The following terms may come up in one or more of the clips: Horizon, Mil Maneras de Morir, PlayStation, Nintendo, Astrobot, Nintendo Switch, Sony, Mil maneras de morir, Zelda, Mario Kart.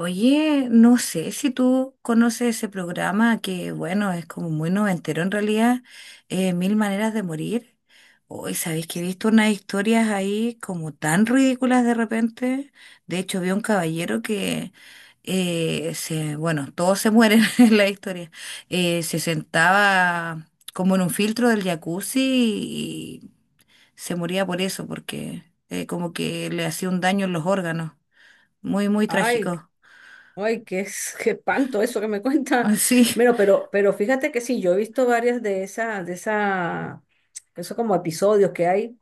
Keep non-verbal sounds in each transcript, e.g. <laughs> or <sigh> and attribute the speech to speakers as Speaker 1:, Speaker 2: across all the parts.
Speaker 1: Oye, no sé si tú conoces ese programa que, bueno, es como muy noventero en realidad, Mil Maneras de Morir. Hoy, ¿sabéis que he visto unas historias ahí como tan ridículas de repente? De hecho, vi un caballero que, bueno, todos se mueren <laughs> en la historia. Se sentaba como en un filtro del jacuzzi y se moría por eso, porque como que le hacía un daño en los órganos. Muy, muy
Speaker 2: Ay,
Speaker 1: trágico.
Speaker 2: ay, qué, es- qué espanto eso que me cuenta.
Speaker 1: <laughs> Sí.
Speaker 2: Bueno, pero fíjate que sí, yo he visto varias de esas, de esa, esos como episodios que hay.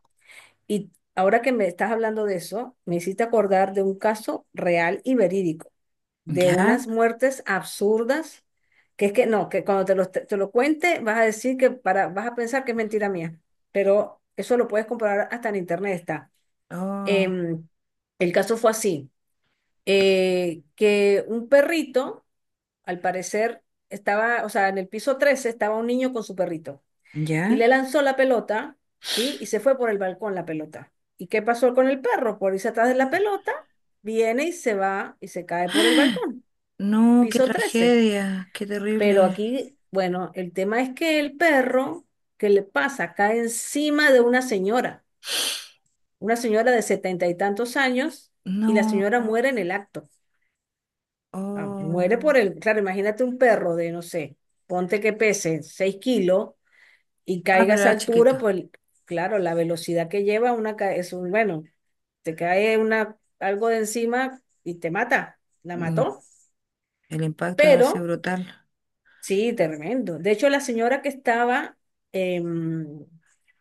Speaker 2: Y ahora que me estás hablando de eso, me hiciste acordar de un caso real y verídico, de
Speaker 1: ¿Ya?
Speaker 2: unas muertes absurdas, que es que no, que cuando te lo cuente vas a decir que para, vas a pensar que es mentira mía. Pero eso lo puedes comprobar hasta en internet está.
Speaker 1: Oh,
Speaker 2: Em, el caso fue así que un perrito, al parecer, estaba, o sea, en el piso 13 estaba un niño con su perrito y
Speaker 1: ¿ya?
Speaker 2: le lanzó la pelota, ¿sí? Y se fue por el balcón la pelota. ¿Y qué pasó con el perro? Por irse atrás de la pelota, viene y se va y se cae por el balcón,
Speaker 1: No, qué
Speaker 2: piso 13.
Speaker 1: tragedia, qué
Speaker 2: Pero
Speaker 1: terrible.
Speaker 2: aquí, bueno, el tema es que el perro, ¿qué le pasa? Cae encima de una señora de 70 y tantos años, y la
Speaker 1: No,
Speaker 2: señora muere en el acto. Ah, muere
Speaker 1: oh.
Speaker 2: por el, claro, imagínate un perro de, no sé, ponte que pese 6 kilos y
Speaker 1: Ah,
Speaker 2: caiga a
Speaker 1: pero
Speaker 2: esa
Speaker 1: era chiquito.
Speaker 2: altura, pues claro, la velocidad que lleva una, ca- es un, bueno, te cae una, algo de encima y te mata, la
Speaker 1: Mm.
Speaker 2: mató,
Speaker 1: El impacto de haber sido
Speaker 2: pero
Speaker 1: brutal.
Speaker 2: sí, tremendo. De hecho, la señora que estaba em,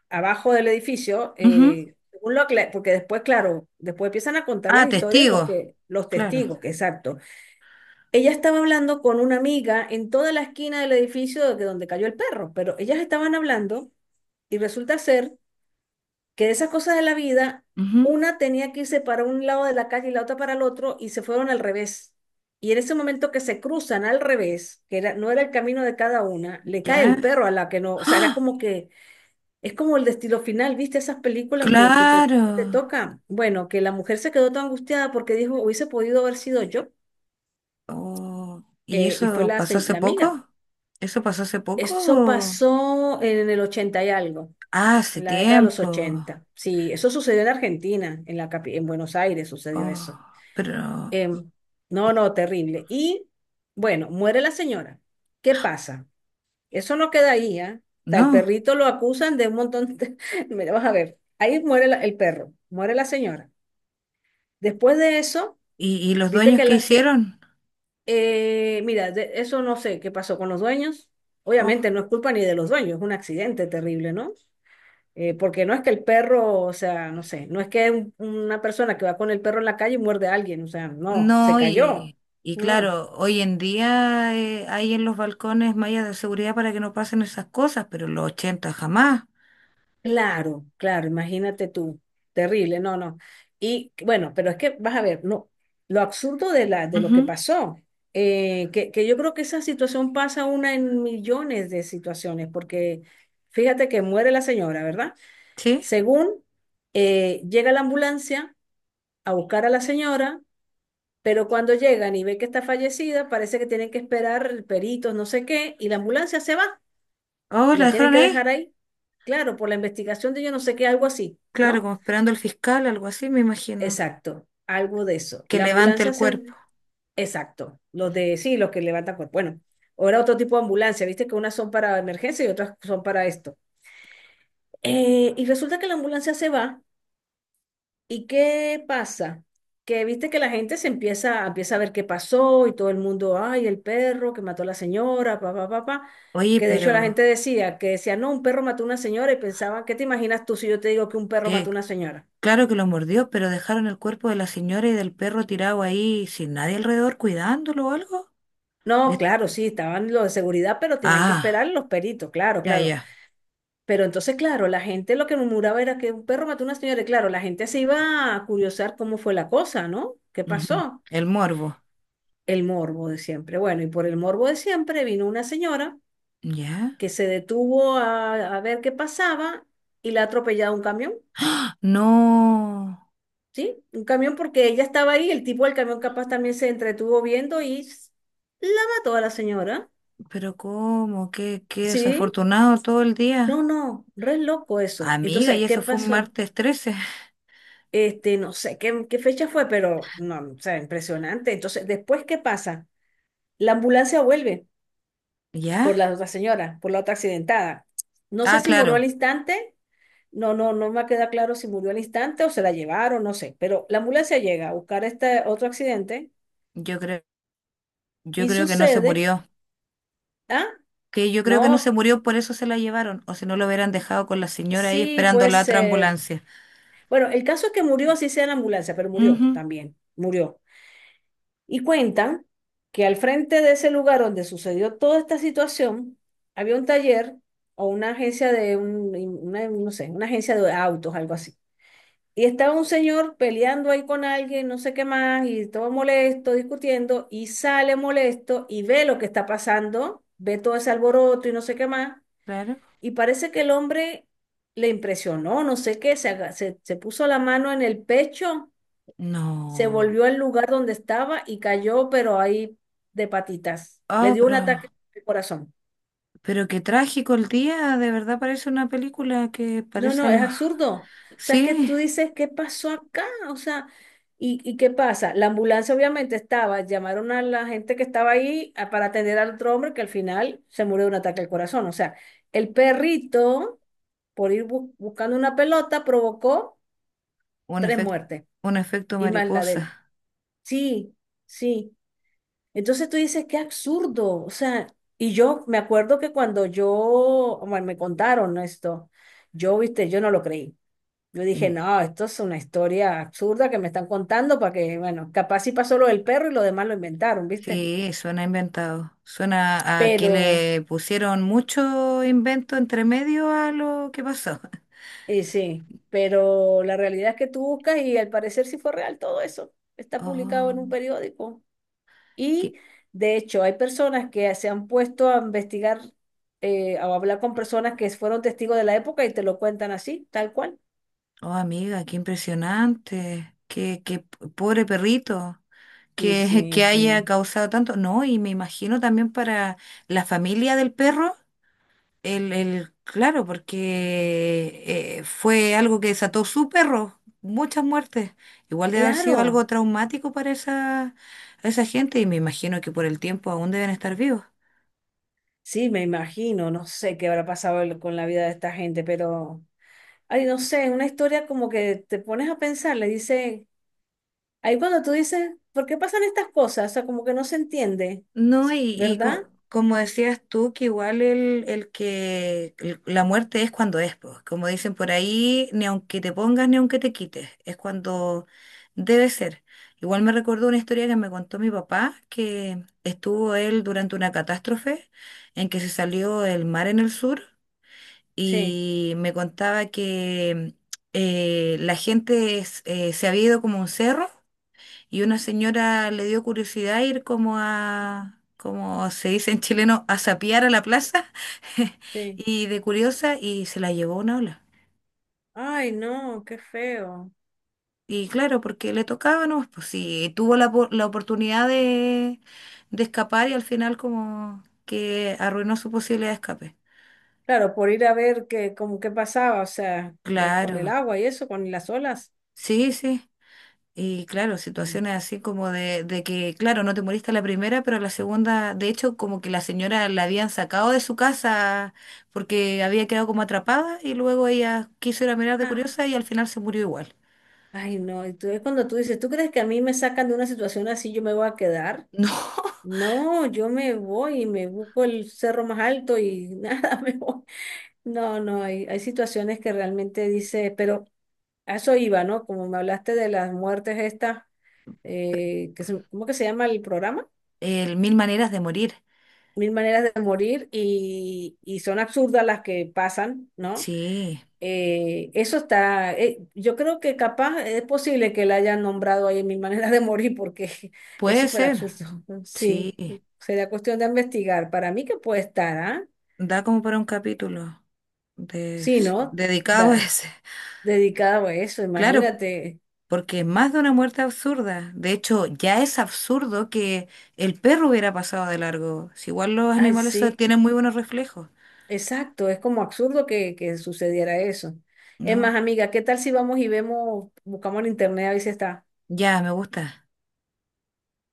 Speaker 2: abajo del edificio,
Speaker 1: Ujú.
Speaker 2: según lo acla- porque después, claro, después empiezan a contar las
Speaker 1: Ah,
Speaker 2: historias
Speaker 1: testigo.
Speaker 2: los que, los
Speaker 1: Claro.
Speaker 2: testigos, que exacto. Ella estaba hablando con una amiga en toda la esquina del edificio de donde cayó el perro, pero ellas estaban hablando y resulta ser que de esas cosas de la vida,
Speaker 1: Ujú.
Speaker 2: una tenía que irse para un lado de la calle y la otra para el otro y se fueron al revés. Y en ese momento que se cruzan al revés, que era- no era el camino de cada una, le cae el
Speaker 1: ¿Ya?
Speaker 2: perro a la que no, o sea, era como que, es como el destino final, ¿viste esas películas que te,
Speaker 1: Claro.
Speaker 2: te tocan? Bueno, que la mujer se quedó tan angustiada porque dijo, hubiese podido haber sido yo,
Speaker 1: Oh. ¿Y
Speaker 2: y fue
Speaker 1: eso
Speaker 2: la,
Speaker 1: pasó
Speaker 2: se-
Speaker 1: hace
Speaker 2: la amiga.
Speaker 1: poco? ¿Eso pasó hace poco?
Speaker 2: Eso
Speaker 1: o-
Speaker 2: pasó en el 80 y algo,
Speaker 1: Ah, hace
Speaker 2: en la década de los
Speaker 1: tiempo.
Speaker 2: 80. Sí, eso sucedió en Argentina, en la capi- en Buenos Aires sucedió eso.
Speaker 1: Oh, pero
Speaker 2: Em, no, no, terrible. Y bueno, muere la señora. ¿Qué pasa? Eso no queda ahí, ¿ah? O sea, el
Speaker 1: no.
Speaker 2: perrito lo acusan de un montón de... <laughs> Mira, vas a ver, ahí muere la- el perro, muere la señora. Después de eso,
Speaker 1: Y los
Speaker 2: viste
Speaker 1: dueños
Speaker 2: que
Speaker 1: qué
Speaker 2: las que...
Speaker 1: hicieron?
Speaker 2: mira, de- eso no sé qué pasó con los dueños.
Speaker 1: Oh.
Speaker 2: Obviamente no es culpa ni de los dueños, es un accidente terrible, ¿no? Porque no es que el perro, o sea, no sé, no es que un- una persona que va con el perro en la calle muerde a alguien, o sea, no, se
Speaker 1: No,
Speaker 2: cayó.
Speaker 1: y
Speaker 2: Mm,
Speaker 1: claro, hoy en día hay en los balcones mallas de seguridad para que no pasen esas cosas, pero en los 80 jamás.
Speaker 2: claro, claro, imagínate tú, terrible, no, no. Y bueno, pero es que vas a ver, no, lo absurdo de la, de lo que
Speaker 1: Ujú.
Speaker 2: pasó, que yo creo que esa situación pasa una en millones de situaciones, porque fíjate que muere la señora, ¿verdad?
Speaker 1: ¿Sí?
Speaker 2: Según llega la ambulancia a buscar a la señora. Pero cuando llegan y ven que está fallecida, parece que tienen que esperar peritos, no sé qué, y la ambulancia se va
Speaker 1: Oh,
Speaker 2: y
Speaker 1: ¿la
Speaker 2: la tienen
Speaker 1: dejaron
Speaker 2: que
Speaker 1: ahí?
Speaker 2: dejar ahí. Claro, por la investigación de yo no sé qué, algo así,
Speaker 1: Claro,
Speaker 2: ¿no?
Speaker 1: como esperando al fiscal, algo así, me imagino,
Speaker 2: Exacto, algo de eso.
Speaker 1: que
Speaker 2: La
Speaker 1: levante el
Speaker 2: ambulancia se...
Speaker 1: cuerpo.
Speaker 2: Exacto, los de, sí, los que levantan cuerpo. Bueno, ahora otro tipo de ambulancia, viste que unas son para emergencia y otras son para esto. Y resulta que la ambulancia se va. ¿Y qué pasa? Que viste que la gente empieza a ver qué pasó y todo el mundo, ay, el perro que mató a la señora, pa, pa, pa, pa".
Speaker 1: Oye,
Speaker 2: Que de hecho la
Speaker 1: pero
Speaker 2: gente decía, que decía, no, un perro mató a una señora y pensaban, ¿qué te imaginas tú si yo te digo que un perro
Speaker 1: que
Speaker 2: mató a una señora?
Speaker 1: claro que lo mordió, pero dejaron el cuerpo de la señora y del perro tirado ahí sin nadie alrededor cuidándolo o algo.
Speaker 2: No,
Speaker 1: De-
Speaker 2: claro, sí, estaban los de seguridad, pero tenían que esperar
Speaker 1: Ah,
Speaker 2: los peritos, claro,
Speaker 1: ya,
Speaker 2: claro.
Speaker 1: ya.
Speaker 2: Pero entonces, claro, la gente lo que murmuraba era que un perro mató a una señora y claro, la gente se iba a curiosar cómo fue la cosa, ¿no? ¿Qué
Speaker 1: Ujú.
Speaker 2: pasó?
Speaker 1: El morbo.
Speaker 2: El morbo de siempre. Bueno, y por el morbo de siempre vino una señora
Speaker 1: ¿Ya?
Speaker 2: que se detuvo a ver qué pasaba y la ha atropellado un camión,
Speaker 1: No.
Speaker 2: ¿sí? Un camión porque ella estaba ahí, el tipo del camión capaz también se entretuvo viendo y s- la mató a la señora,
Speaker 1: Pero cómo, qué
Speaker 2: ¿sí?
Speaker 1: desafortunado todo el
Speaker 2: No,
Speaker 1: día.
Speaker 2: no, re loco eso.
Speaker 1: Amiga, y
Speaker 2: Entonces, ¿qué
Speaker 1: eso fue un
Speaker 2: pasó?
Speaker 1: martes trece.
Speaker 2: Este, no sé qué, qué fecha fue, pero no, o sea, impresionante. Entonces, después, ¿qué pasa? La ambulancia vuelve
Speaker 1: <laughs> ¿Ya?
Speaker 2: por la otra señora, por la otra accidentada. No sé
Speaker 1: Ah,
Speaker 2: si murió al
Speaker 1: claro.
Speaker 2: instante. No, no, no me queda claro si murió al instante o se la llevaron, no sé. Pero la ambulancia llega a buscar este otro accidente
Speaker 1: Yo creo, yo
Speaker 2: y
Speaker 1: creo que no se
Speaker 2: sucede.
Speaker 1: murió.
Speaker 2: Ah,
Speaker 1: Que yo creo que no se
Speaker 2: no,
Speaker 1: murió, por eso se la llevaron. O si no lo hubieran dejado con la señora ahí
Speaker 2: sí,
Speaker 1: esperando
Speaker 2: puede
Speaker 1: la otra
Speaker 2: ser.
Speaker 1: ambulancia.
Speaker 2: Bueno, el caso es que murió, así sea en la ambulancia, pero murió
Speaker 1: Ujú,
Speaker 2: también, murió. Y cuentan que al frente de ese lugar donde sucedió toda esta situación, había un taller o una agencia de un, una- no sé, una agencia de autos, algo así. Y estaba un señor peleando ahí con alguien, no sé qué más, y todo molesto, discutiendo, y sale molesto y ve lo que está pasando, ve todo ese alboroto y no sé qué más,
Speaker 1: claro.
Speaker 2: y parece que el hombre le impresionó, no sé qué, se, aga- se puso la mano en el pecho, se
Speaker 1: No.
Speaker 2: volvió al lugar donde estaba y cayó, pero ahí de patitas. Le
Speaker 1: Ah,
Speaker 2: dio un ataque al corazón.
Speaker 1: pero qué trágico el día. De verdad parece una película que
Speaker 2: No,
Speaker 1: parece
Speaker 2: no, es
Speaker 1: algo.
Speaker 2: absurdo. O
Speaker 1: <laughs>
Speaker 2: sea, es que
Speaker 1: Sí,
Speaker 2: tú dices, ¿qué pasó acá? O sea, y qué pasa? La ambulancia obviamente estaba, llamaron a la gente que estaba ahí a- para atender al otro hombre que al final se murió de un ataque al corazón. O sea, el perrito, por ir bu- buscando una pelota, provocó
Speaker 1: un
Speaker 2: tres
Speaker 1: efecto,
Speaker 2: muertes
Speaker 1: un efecto
Speaker 2: y más la de él.
Speaker 1: mariposa.
Speaker 2: Sí, sí. Entonces tú dices, qué absurdo. O sea, y yo me acuerdo que cuando yo, bueno, me contaron esto, yo, viste, yo no lo creí. Yo dije,
Speaker 1: Mm.
Speaker 2: no, esto es una historia absurda que me están contando para que, bueno, capaz sí pasó lo del perro y lo demás lo inventaron, ¿viste?
Speaker 1: Sí, suena inventado. Suena a que
Speaker 2: Pero,
Speaker 1: le pusieron mucho invento entre medio a lo que pasó. <laughs>
Speaker 2: y sí, pero la realidad es que tú buscas y al parecer sí fue real todo eso. Está publicado en un
Speaker 1: Oh,
Speaker 2: periódico. Y
Speaker 1: qué-
Speaker 2: de hecho, hay personas que se han puesto a investigar o a hablar con personas que fueron testigos de la época y te lo cuentan así, tal cual.
Speaker 1: oh, amiga, qué impresionante. Pobre perrito
Speaker 2: Y
Speaker 1: que <laughs>
Speaker 2: sí,
Speaker 1: que haya
Speaker 2: sí.
Speaker 1: causado tanto. No, y me imagino también para la familia del perro. Claro, porque fue algo que desató su perro, muchas muertes. Igual debe haber sido
Speaker 2: Claro,
Speaker 1: algo traumático para esa gente y me imagino que por el tiempo aún deben estar vivos.
Speaker 2: sí, me imagino, no sé qué habrá pasado el- con la vida de esta gente, pero... Ay, no sé, una historia como que te pones a pensar, le dice, ahí cuando tú dices, ¿por qué pasan estas cosas? O sea, como que no se entiende,
Speaker 1: No,
Speaker 2: ¿verdad?
Speaker 1: como decías tú, que igual la muerte es cuando es, pues. Como dicen por ahí, ni aunque te pongas ni aunque te quites, es cuando debe ser. Igual me recordó una historia que me contó mi papá, que estuvo él durante una catástrofe en que se salió el mar en el sur
Speaker 2: Sí,
Speaker 1: y me contaba que se había ido como a un cerro y una señora le dio curiosidad ir como a, como se dice en chileno, a sapear a la plaza, <laughs>
Speaker 2: sí.
Speaker 1: y de curiosa, y se la llevó una ola.
Speaker 2: Ay, no, qué feo.
Speaker 1: Y claro, porque le tocaba, ¿no? Pues sí, tuvo la oportunidad de escapar y al final como que arruinó su posibilidad de escape.
Speaker 2: Claro, por ir a ver qué, como qué pasaba, o sea, con el
Speaker 1: Claro,
Speaker 2: agua y eso, con las olas.
Speaker 1: sí, sí. Y claro,
Speaker 2: Mm.
Speaker 1: situaciones así como de que, claro, no te moriste a la primera, pero a la segunda, de hecho, como que la señora la habían sacado de su casa porque había quedado como atrapada y luego ella quiso ir a mirar de curiosa
Speaker 2: Ah,
Speaker 1: y al final se murió igual.
Speaker 2: ay, no, y tú- es cuando tú dices, ¿tú crees que a mí me sacan de una situación así, yo me voy a quedar?
Speaker 1: <laughs> No,
Speaker 2: No, yo me voy y me busco el cerro más alto y <laughs> nada, me voy. No, no, hay situaciones que realmente dice, pero a eso iba, ¿no? Como me hablaste de las muertes estas, que se- ¿cómo que se llama el programa?
Speaker 1: el mil maneras de morir.
Speaker 2: Mil maneras de morir y son absurdas las que pasan, ¿no?
Speaker 1: Sí,
Speaker 2: Eso está, yo creo que capaz es posible que la hayan nombrado ahí en Mil maneras de morir porque <laughs> es
Speaker 1: puede
Speaker 2: súper
Speaker 1: ser,
Speaker 2: absurdo. <laughs> Sí,
Speaker 1: sí.
Speaker 2: sería cuestión de investigar. Para mí que puede estar, ¿ah?
Speaker 1: Da como para un capítulo de-
Speaker 2: Sí, ¿no?
Speaker 1: dedicado a
Speaker 2: Da-
Speaker 1: ese.
Speaker 2: dedicado a eso,
Speaker 1: Claro.
Speaker 2: imagínate.
Speaker 1: Porque es más de una muerte absurda. De hecho, ya es absurdo que el perro hubiera pasado de largo. Si igual los
Speaker 2: Ay,
Speaker 1: animales
Speaker 2: sí.
Speaker 1: tienen muy buenos reflejos.
Speaker 2: Exacto, es como absurdo que sucediera eso. Es más,
Speaker 1: No,
Speaker 2: amiga, ¿qué tal si vamos y vemos, buscamos en internet a ver si está?
Speaker 1: ya me gusta.